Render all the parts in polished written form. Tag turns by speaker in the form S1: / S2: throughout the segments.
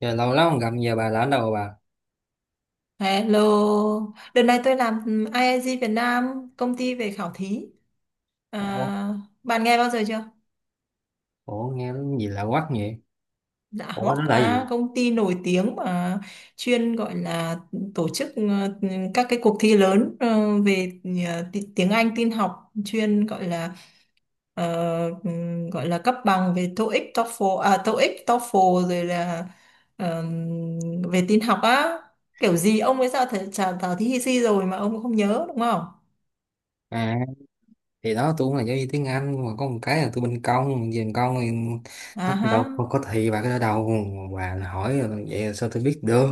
S1: Giờ lâu lắm không gặp, giờ bà là ở đâu bà?
S2: Hello, đợt này tôi làm IIG Việt Nam, công ty về khảo thí.
S1: Ủa,
S2: À, bạn nghe bao giờ chưa?
S1: ủa nghe nó gì lạ quắc vậy?
S2: Dạ
S1: Ủa
S2: Hoắc,
S1: nó là gì?
S2: à, công ty nổi tiếng mà chuyên gọi là tổ chức các cái cuộc thi lớn về tiếng Anh, tin học, chuyên gọi là ờ, gọi là cấp bằng về TOEIC, TOEFL, à, TOEIC, TOEFL rồi là ờm, về tin học á. Kiểu gì ông ấy ra trả thảo thí hi si rồi mà ông không nhớ đúng không?
S1: À thì đó, tôi cũng là giáo viên tiếng Anh, mà có một cái là tôi bên công, về bên công thì nó
S2: À
S1: đâu
S2: hả?
S1: có thị bà cái đó đâu. Bà là hỏi rồi, vậy là sao tôi biết được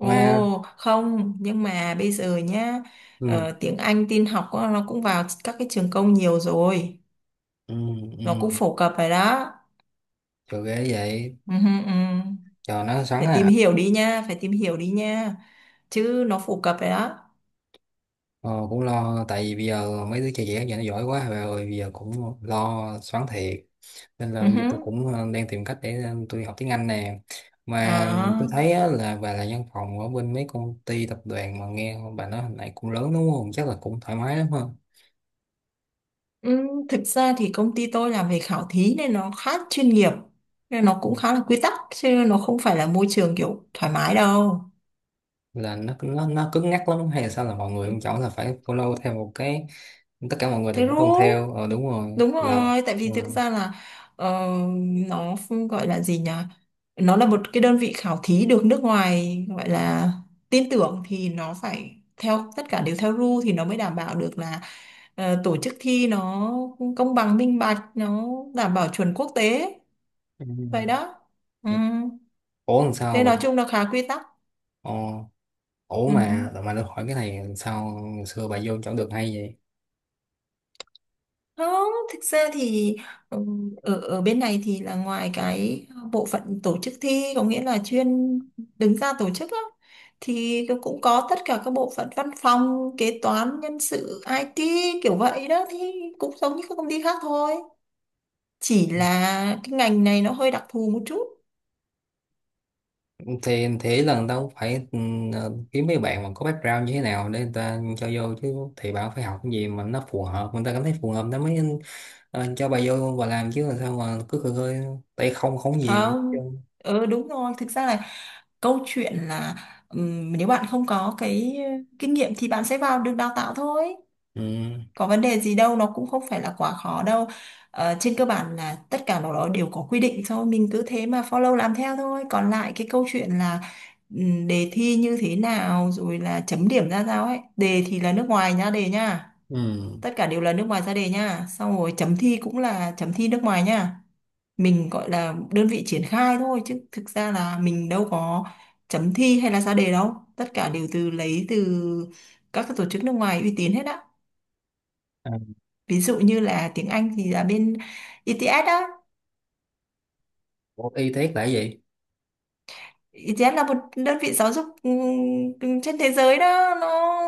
S1: mà?
S2: không, nhưng mà bây giờ nhá,
S1: Ừ
S2: tiếng Anh tin học á, nó cũng vào các cái trường công nhiều rồi,
S1: ừ ừ,
S2: nó cũng phổ cập rồi đó.
S1: trời ghê vậy,
S2: Ừ, hừ, ừ.
S1: trời nó xoắn
S2: Phải tìm
S1: à.
S2: hiểu đi nha, phải tìm hiểu đi nha, chứ nó phổ cập rồi đó.
S1: Ờ, cũng lo tại vì bây giờ mấy đứa trẻ trẻ giờ nó giỏi quá bà ơi, bây giờ cũng lo xoắn thiệt. Nên là
S2: Ừ,
S1: bây giờ tôi
S2: hừ.
S1: cũng đang tìm cách để tôi học tiếng Anh nè. Mà
S2: Ờ.
S1: tôi thấy á, là bà là văn phòng ở bên mấy công ty tập đoàn, mà nghe bà nói hồi nãy cũng lớn đúng không, chắc là cũng thoải mái lắm ha.
S2: Ừ, thực ra thì công ty tôi làm về khảo thí nên nó khá chuyên nghiệp, nên nó cũng khá là quy tắc, chứ nó không phải là môi trường kiểu thoải mái đâu.
S1: Là nó cứng nhắc lắm hay là sao, là mọi người không chọn, là phải follow theo một cái, tất cả mọi người đều
S2: Thế
S1: phải tuân
S2: đúng.
S1: theo, đúng rồi
S2: Đúng
S1: là
S2: rồi, tại
S1: ờ.
S2: vì thực ra là ờ, nó không gọi là gì nhỉ? Nó là một cái đơn vị khảo thí được nước ngoài gọi là tin tưởng, thì nó phải theo, tất cả đều theo rule thì nó mới đảm bảo được là tổ chức thi nó công bằng minh bạch, nó đảm bảo chuẩn quốc tế.
S1: Ừ.
S2: Vậy đó. Ừ.
S1: Ủa làm sao
S2: Nên nói
S1: bạn
S2: chung là khá quy tắc.
S1: ờ Ủa,
S2: Ừ.
S1: mà được hỏi cái này, sao xưa bà vô chẳng được hay vậy?
S2: Không, thực ra thì ừ, ở ở bên này thì là ngoài cái bộ phận tổ chức thi, có nghĩa là chuyên đứng ra tổ chức á, thì nó cũng có tất cả các bộ phận văn phòng, kế toán, nhân sự, IT, kiểu vậy đó, thì cũng giống như các công ty khác thôi. Chỉ là cái ngành này nó hơi đặc thù một chút.
S1: Thì thế là người ta cũng phải kiếm mấy bạn mà có background như thế nào để người ta cho vô chứ, thì bà cũng phải học cái gì mà nó phù hợp, người ta cảm thấy phù hợp nó mới cho bà vô và làm chứ, là sao mà cứ khơi khơi tay không, không gì hết
S2: Không.
S1: trơn.
S2: Ừ, đúng rồi, thực ra là câu chuyện là nếu bạn không có cái kinh nghiệm thì bạn sẽ vào được, đào tạo thôi,
S1: Ừ
S2: có vấn đề gì đâu, nó cũng không phải là quá khó đâu. Trên cơ bản là tất cả nó đó đều có quy định thôi, mình cứ thế mà follow làm theo thôi, còn lại cái câu chuyện là đề thi như thế nào rồi là chấm điểm ra sao ấy. Đề thì là nước ngoài nhá, đề nhá,
S1: ừ,
S2: tất cả đều là nước ngoài ra đề nhá, xong rồi chấm thi cũng là chấm thi nước ngoài nhá. Mình gọi là đơn vị triển khai thôi, chứ thực ra là mình đâu có chấm thi hay là ra đề đâu, tất cả đều từ lấy từ các cái tổ chức nước ngoài uy tín hết á.
S1: à,
S2: Ví dụ như là tiếng Anh thì là bên I ETS đó.
S1: bộ y tế là cái gì?
S2: I ETS là một đơn vị giáo dục trên thế giới đó, nó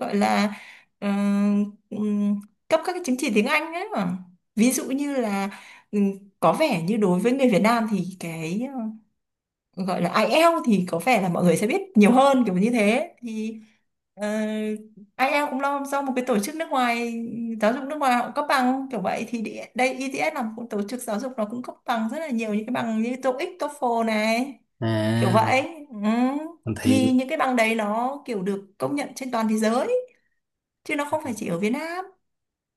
S2: gọi là ừm, ừm, cấp các cái chứng chỉ tiếng Anh ấy mà. Ví dụ như là ừm, có vẻ như đối với người Việt Nam thì cái gọi là IELTS thì có vẻ là mọi người sẽ biết nhiều hơn, kiểu như thế, thì ờ, IELTS cũng lo do một cái tổ chức nước ngoài, giáo dục nước ngoài, họ cũng cấp bằng kiểu vậy, thì đây ETS là một tổ chức giáo dục, nó cũng cấp bằng rất là nhiều, những cái bằng như TOEIC, TOEFL này, kiểu
S1: À
S2: vậy. Ừ. Thì
S1: thì,
S2: những cái bằng đấy nó kiểu được công nhận trên toàn thế giới, chứ nó không phải chỉ ở Việt Nam.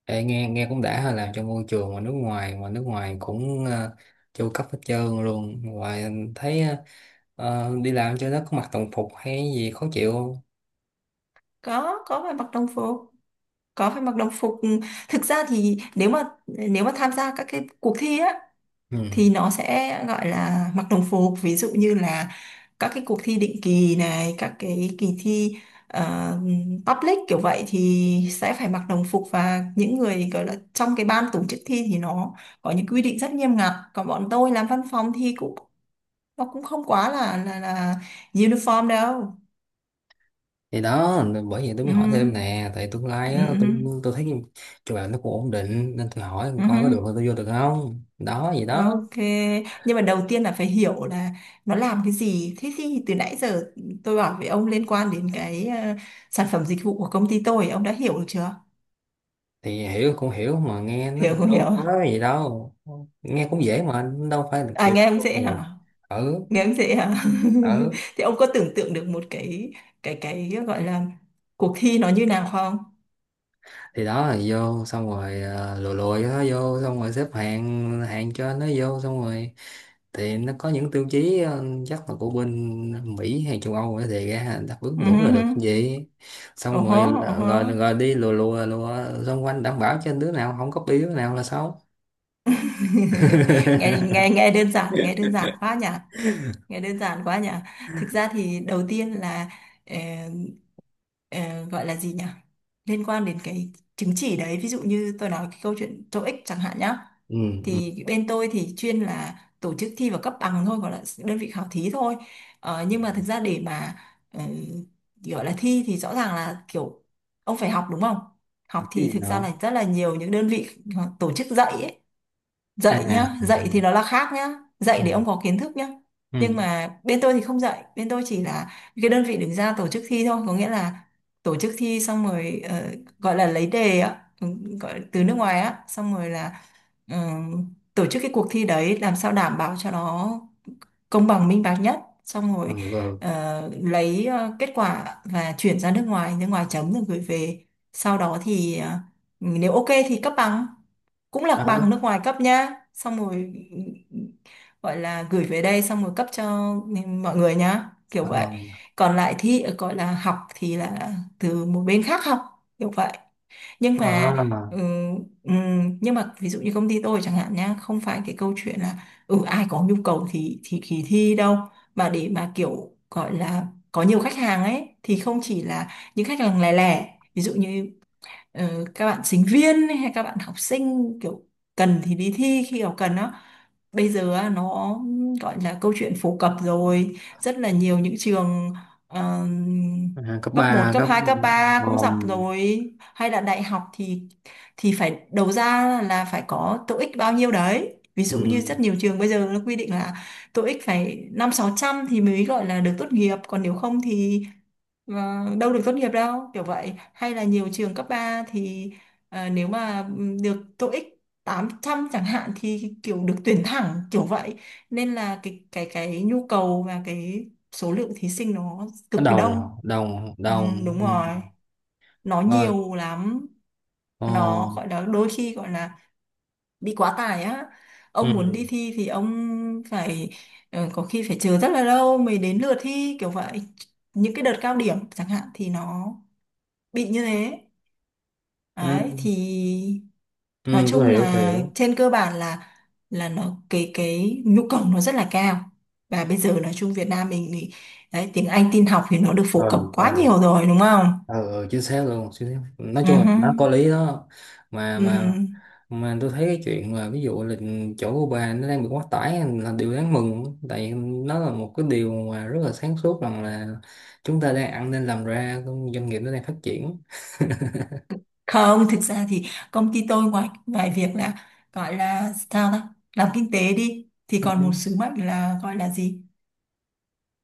S1: ê, nghe nghe cũng đã ha, làm trong môi trường mà nước ngoài, mà nước ngoài cũng chu cấp hết trơn luôn. Ngoài anh thấy đi làm cho nó có mặc đồng phục hay gì khó chịu không?
S2: Có phải mặc đồng phục, có phải mặc đồng phục. Thực ra thì nếu mà tham gia các cái cuộc thi á
S1: Ừ.
S2: thì nó sẽ gọi là mặc đồng phục, ví dụ như là các cái cuộc thi định kỳ này, các cái kỳ thi ờ, public kiểu vậy thì sẽ phải mặc đồng phục, và những người gọi là trong cái ban tổ chức thi thì nó có những quy định rất nghiêm ngặt, còn bọn tôi làm văn phòng thì cũng, nó cũng không quá là uniform đâu.
S1: Thì đó, bởi vậy tôi
S2: Ừ,
S1: mới hỏi thêm nè, tại tương lai
S2: ừ,
S1: á,
S2: ừ,
S1: tôi thấy chỗ làm nó cũng ổn định, nên tôi hỏi
S2: ừ,
S1: coi có được là
S2: ừ.
S1: tôi vô được không đó gì đó.
S2: Ok, nhưng mà đầu tiên là phải hiểu là nó làm cái gì. Thế thì từ nãy giờ tôi bảo với ông liên quan đến cái sản phẩm dịch vụ của công ty tôi, ông đã hiểu được chưa?
S1: Thì hiểu cũng hiểu, mà nghe nó
S2: Hiểu
S1: cũng
S2: không
S1: đâu
S2: hiểu?
S1: có gì đâu, nghe cũng dễ mà đâu phải là
S2: À,
S1: kiểu.
S2: nghe ông dễ hả?
S1: Ừ
S2: Nghe ông dễ hả?
S1: ừ,
S2: Thì ông có tưởng tượng được một cái gọi là cuộc thi nó như nào không?
S1: thì đó là vô xong rồi lùi lùi nó vô xong rồi xếp hàng hàng cho nó vô xong rồi, thì nó có những tiêu chí chắc là của bên Mỹ hay châu Âu á, thì ra đáp ứng
S2: Ừ,
S1: đủ là được cái
S2: hứ,
S1: gì.
S2: ừ
S1: Xong
S2: hứ.
S1: rồi rồi rồi, đi lùa lùa lùa xung quanh, đảm bảo cho đứa nào không copy đứa nào là xấu.
S2: nghe nghe nghe đơn giản quá nhỉ? Nghe đơn giản quá nhỉ. Thực ra thì đầu tiên là ờ, ờ, gọi là gì nhỉ, liên quan đến cái chứng chỉ đấy. Ví dụ như tôi nói cái câu chuyện TOEIC chẳng hạn nhá,
S1: Ừ, ừ.
S2: thì bên tôi thì chuyên là tổ chức thi và cấp bằng thôi, gọi là đơn vị khảo thí thôi. Nhưng mà thực ra để mà ờ, gọi là thi thì rõ ràng là kiểu ông phải học đúng không. Học
S1: Cái
S2: thì
S1: gì
S2: thực ra
S1: đó?
S2: là rất là nhiều những đơn vị tổ chức dạy ấy,
S1: À
S2: dạy
S1: à,
S2: nhá,
S1: à,
S2: dạy thì nó là khác nhá, dạy
S1: ừ
S2: để ông có kiến thức nhá.
S1: ừ
S2: Nhưng mà bên tôi thì không dạy, bên tôi chỉ là cái đơn vị đứng ra tổ chức thi thôi, có nghĩa là tổ chức thi xong rồi gọi là lấy đề á, gọi từ nước ngoài á, xong rồi là ờ, tổ chức cái cuộc thi đấy làm sao đảm bảo cho nó công bằng minh bạch nhất, xong
S1: ừ
S2: rồi
S1: ừ. Đó.
S2: lấy kết quả và chuyển ra nước ngoài, nước ngoài chấm rồi gửi về. Sau đó thì nếu ok thì cấp bằng, cũng là
S1: ờ,
S2: bằng nước ngoài cấp nhá, xong rồi gọi là gửi về đây, xong rồi cấp cho mọi người nhá, kiểu
S1: ờ,
S2: vậy. Còn lại thi, gọi là học, thì là từ một bên khác học, kiểu vậy. Nhưng mà ừm, nhưng mà ví dụ như công ty tôi chẳng hạn nhá, không phải cái câu chuyện là ai có nhu cầu thì thi đâu, mà để mà kiểu gọi là có nhiều khách hàng ấy thì không chỉ là những khách hàng lẻ lẻ. Ví dụ như các bạn sinh viên hay các bạn học sinh kiểu cần thì đi thi khi nào cần đó. Bây giờ á, nó gọi là câu chuyện phổ cập rồi, rất là nhiều những trường ờ,
S1: à, cấp
S2: cấp một,
S1: ba,
S2: cấp
S1: cấp
S2: hai,
S1: ừ.
S2: cấp 3 cũng dọc rồi, hay là đại học thì phải đầu ra là phải có tô ích bao nhiêu đấy. Ví dụ như rất
S1: Ừ,
S2: nhiều trường bây giờ nó quy định là tô ích phải 500-600 thì mới gọi là được tốt nghiệp, còn nếu không thì ờ, đâu được tốt nghiệp đâu, kiểu vậy. Hay là nhiều trường cấp 3 thì nếu mà được TOEIC 800 chẳng hạn thì kiểu được tuyển thẳng, kiểu vậy. Nên là cái nhu cầu và cái số lượng thí sinh nó cực kỳ
S1: đồng
S2: đông.
S1: đồng đồng
S2: Đúng
S1: ừ.
S2: rồi, nó
S1: Rồi
S2: nhiều lắm,
S1: ờ,
S2: nó gọi là đôi khi gọi là bị quá tải á. Ông muốn
S1: ừ.
S2: đi thi thì ông phải có khi phải chờ rất là lâu mới đến lượt thi, kiểu vậy. Những cái đợt cao điểm chẳng hạn thì nó bị như thế.
S1: Ừ.
S2: Đấy thì nói
S1: Ừ,
S2: chung
S1: tôi hiểu tôi
S2: là
S1: hiểu.
S2: trên cơ bản là nó cái nhu cầu nó rất là cao. Và bây giờ nói chung Việt Nam mình thì đấy, tiếng Anh tin học thì nó được phổ cập
S1: Ừ ừ
S2: quá nhiều rồi đúng không.
S1: ừ ừ, chính xác luôn, chính xác. Nói
S2: Ừ
S1: chung là
S2: hứ,
S1: nó có lý đó. mà
S2: ừ hứ.
S1: mà mà tôi thấy cái chuyện mà ví dụ là chỗ của bà nó đang bị quá tải là điều đáng mừng, tại nó là một cái điều mà rất là sáng suốt, rằng là chúng ta đang ăn nên làm ra, doanh nghiệp nó đang phát triển.
S2: Không, thực ra thì công ty tôi ngoài ngoài việc là gọi là sao ta, làm kinh tế đi, thì
S1: Ừ.
S2: còn một sứ mệnh là gọi là gì,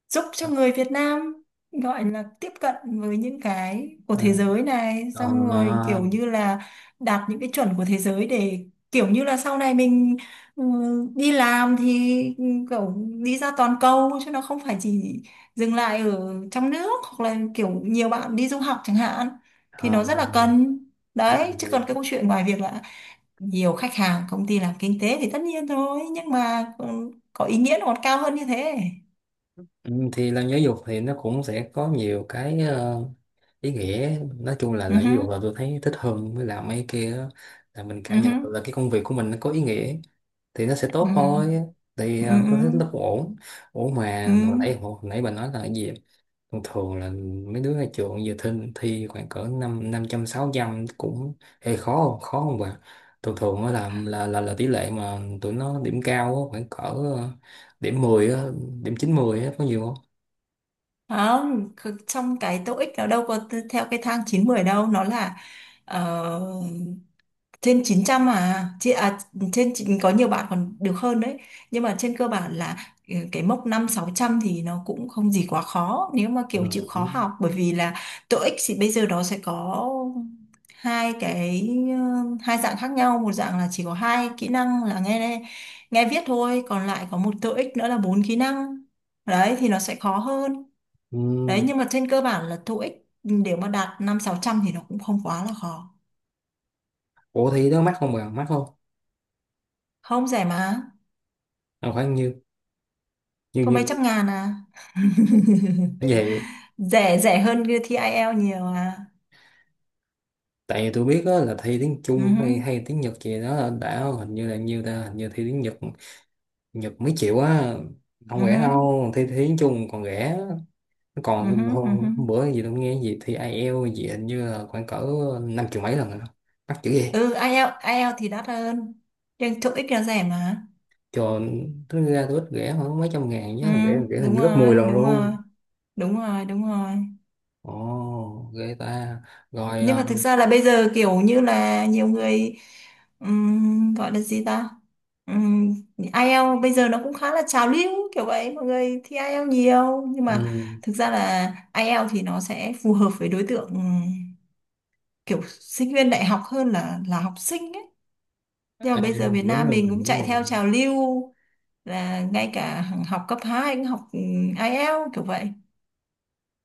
S2: giúp cho người Việt Nam gọi là tiếp cận với những cái của
S1: Ờ,
S2: thế giới này,
S1: ờ,
S2: xong rồi kiểu như là đạt những cái chuẩn của thế giới, để kiểu như là sau này mình ừ, đi làm thì kiểu đi ra toàn cầu, chứ nó không phải chỉ dừng lại ở trong nước, hoặc là kiểu nhiều bạn đi du học chẳng hạn, thì
S1: ờ,
S2: nó rất là cần
S1: ok,
S2: đấy. Chứ còn cái
S1: ok.
S2: câu chuyện, ngoài việc là nhiều khách hàng, công ty làm kinh tế thì tất nhiên thôi, nhưng mà ừ, có ý nghĩa nó còn cao hơn như thế.
S1: Ừ, thì làm giáo dục thì nó cũng sẽ có nhiều cái ý nghĩa, nói chung là
S2: Ừ
S1: làm giáo dục
S2: hứ,
S1: là tôi thấy thích hơn với làm mấy kia á. Là mình
S2: ừ
S1: cảm nhận được
S2: hứ.
S1: là cái công việc của mình nó có ý nghĩa thì nó sẽ tốt
S2: Ừ,
S1: thôi. Thì
S2: ừ,
S1: tôi thấy nó
S2: ừ.
S1: cũng ổn. Ổn,
S2: Ừ.
S1: mà hồi nãy bà nói là cái gì, thường thường là mấy đứa ra trường giờ thi, thi khoảng cỡ năm năm trăm sáu trăm cũng hơi khó không, khó không bà? Thường thường á, là tỷ lệ mà tụi nó điểm cao á, khoảng cỡ điểm 10 á, điểm 90 á có nhiều.
S2: Không, trong cái TOEIC nó đâu có theo cái thang 9-10 đâu, nó là ờ, trên 900 à, có nhiều bạn còn được hơn đấy. Nhưng mà trên cơ bản là cái mốc 500-600 thì nó cũng không gì quá khó nếu mà
S1: Ờ.
S2: kiểu chịu khó học, bởi vì là TOEIC thì bây giờ nó sẽ có hai cái hai dạng khác nhau, một dạng là chỉ có hai kỹ năng là nghe, viết thôi, còn lại có một TOEIC nữa là bốn kỹ năng. Đấy thì nó sẽ khó hơn.
S1: Ừ.
S2: Đấy nhưng mà trên cơ bản là TOEIC để mà đạt 500-600 thì nó cũng không quá là khó.
S1: Ủa thi đó mắc không bà? Mắc không?
S2: Không, rẻ mà,
S1: À, khoảng nhiêu? Nhiêu
S2: có mấy
S1: nhiêu?
S2: trăm ngàn à.
S1: Vậy,
S2: Rẻ, rẻ hơn cái thi IELTS nhiều à.
S1: tại vì tôi biết đó là thi tiếng
S2: Ừ,
S1: Trung hay hay tiếng Nhật gì đó là đã, hình như là nhiêu ta, hình như thi tiếng Nhật, Nhật mấy triệu á, không
S2: ừ,
S1: rẻ đâu. Thi, thi tiếng Trung còn rẻ.
S2: ừ,
S1: Còn
S2: ừ, ừ.
S1: hôm bữa gì tôi nghe gì thi IELTS gì, hình như là khoảng cỡ năm triệu mấy lần rồi đó. Mắc chữ gì
S2: Ừ, IELTS, IELTS thì đắt hơn. Nhưng TOEIC là rẻ mà.
S1: cho. Tính ra tôi ít rẻ hơn mấy trăm ngàn,
S2: Ừ,
S1: nhớ rẻ rẻ hình
S2: đúng
S1: như gấp 10
S2: rồi,
S1: lần
S2: đúng rồi.
S1: luôn.
S2: Đúng rồi, đúng rồi.
S1: Ồ ghê ta. Rồi
S2: Nhưng mà thực ra là bây giờ kiểu như là nhiều người gọi là gì ta, IELTS bây giờ nó cũng khá là trào lưu, kiểu vậy mọi người thi IELTS nhiều. Nhưng mà
S1: ừ.
S2: thực ra là IELTS thì nó sẽ phù hợp với đối tượng kiểu sinh viên đại học hơn là học sinh ấy. Nhưng mà
S1: À,
S2: bây giờ Việt
S1: đúng
S2: Nam mình
S1: rồi
S2: cũng
S1: đúng
S2: chạy
S1: rồi.
S2: theo trào lưu là ngay cả học cấp 2 cũng học IELTS kiểu vậy.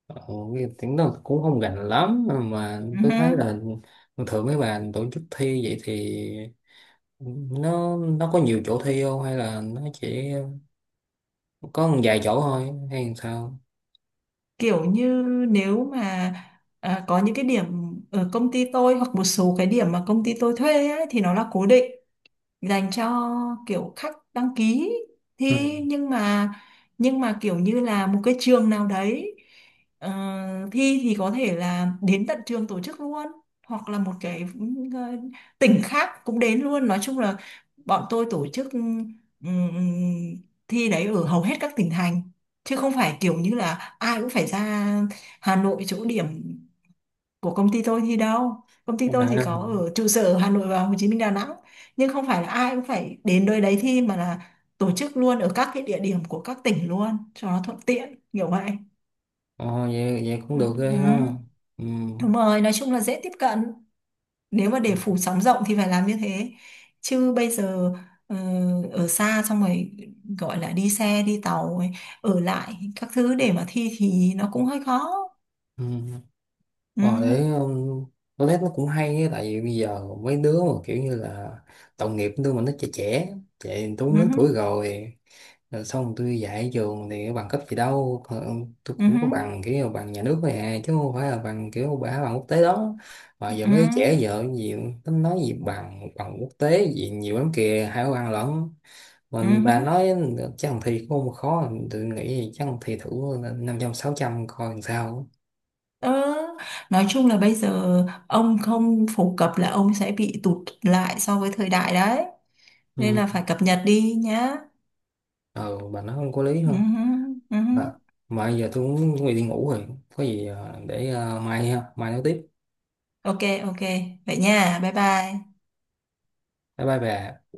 S1: Ồ, cái tiếng đó cũng không gành lắm mà,
S2: Ừ,
S1: tôi thấy là thường mấy bạn tổ chức thi vậy thì nó có nhiều chỗ thi không, hay là nó chỉ có một vài chỗ thôi hay làm sao?
S2: kiểu như, nếu mà à, có những cái điểm ở công ty tôi hoặc một số cái điểm mà công ty tôi thuê ấy, thì nó là cố định dành cho kiểu khách đăng ký thi.
S1: Ừ.
S2: Nhưng mà kiểu như là một cái trường nào đấy ờ, thi thì có thể là đến tận trường tổ chức luôn, hoặc là một cái ờ, tỉnh khác cũng đến luôn. Nói chung là bọn tôi tổ chức ừm, thi đấy ở hầu hết các tỉnh thành, chứ không phải kiểu như là ai cũng phải ra Hà Nội chỗ điểm của công ty tôi thì đâu. Công ty tôi thì có
S1: À,
S2: ở trụ sở ở Hà Nội và Hồ Chí Minh, Đà Nẵng, nhưng không phải là ai cũng phải đến nơi đấy thi, mà là tổ chức luôn ở các cái địa điểm của các tỉnh luôn cho nó thuận tiện, kiểu vậy.
S1: ờ, vậy, vậy cũng
S2: Ừ.
S1: được ghê ha.
S2: Ừ.
S1: Ừ.
S2: Đúng rồi, nói chung là dễ tiếp cận, nếu mà để phủ sóng rộng thì phải làm như thế. Chứ bây giờ ờ, ở xa, xong rồi gọi là đi xe đi tàu ấy, ở lại các thứ để mà thi thì nó cũng hơi khó.
S1: Ừ.
S2: Ừ.
S1: Rồi để tôi thấy nó cũng hay á, tại vì bây giờ mấy đứa mà kiểu như là tội nghiệp đứa mà nó trẻ trẻ trẻ. Tôi cũng lớn tuổi
S2: Ừ.
S1: rồi, rồi xong tôi dạy ở trường thì bằng cấp gì đâu. Ờ, tôi
S2: Ừ.
S1: cũng có
S2: Ừ.
S1: bằng kiểu bằng nhà nước thôi à, chứ không phải là bằng kiểu bằng quốc tế đó. Mà giờ
S2: Ừ.
S1: mấy đứa trẻ giờ gì tính nói gì bằng bằng quốc tế gì nhiều lắm kìa, hai cái bằng lẫn
S2: Ừ.
S1: mình bà
S2: Ừ.
S1: nói. Chắc thằng thi cũng không khó, tôi nghĩ chắc thằng thi thử năm trăm sáu trăm coi làm sao.
S2: Ờ, nói chung là bây giờ ông không phổ cập là ông sẽ bị tụt lại so với thời đại đấy. Nên là
S1: Ừ.
S2: phải cập nhật đi nhá.
S1: ờ bà nói không có lý
S2: Ừ,
S1: thôi.
S2: hứ, ừ hứ.
S1: À, mà giờ tôi cũng chuẩn bị đi ngủ rồi, có gì để mai ha, mai nói tiếp.
S2: Ok, ok. Vậy nha. Bye bye.
S1: Bye bye bà.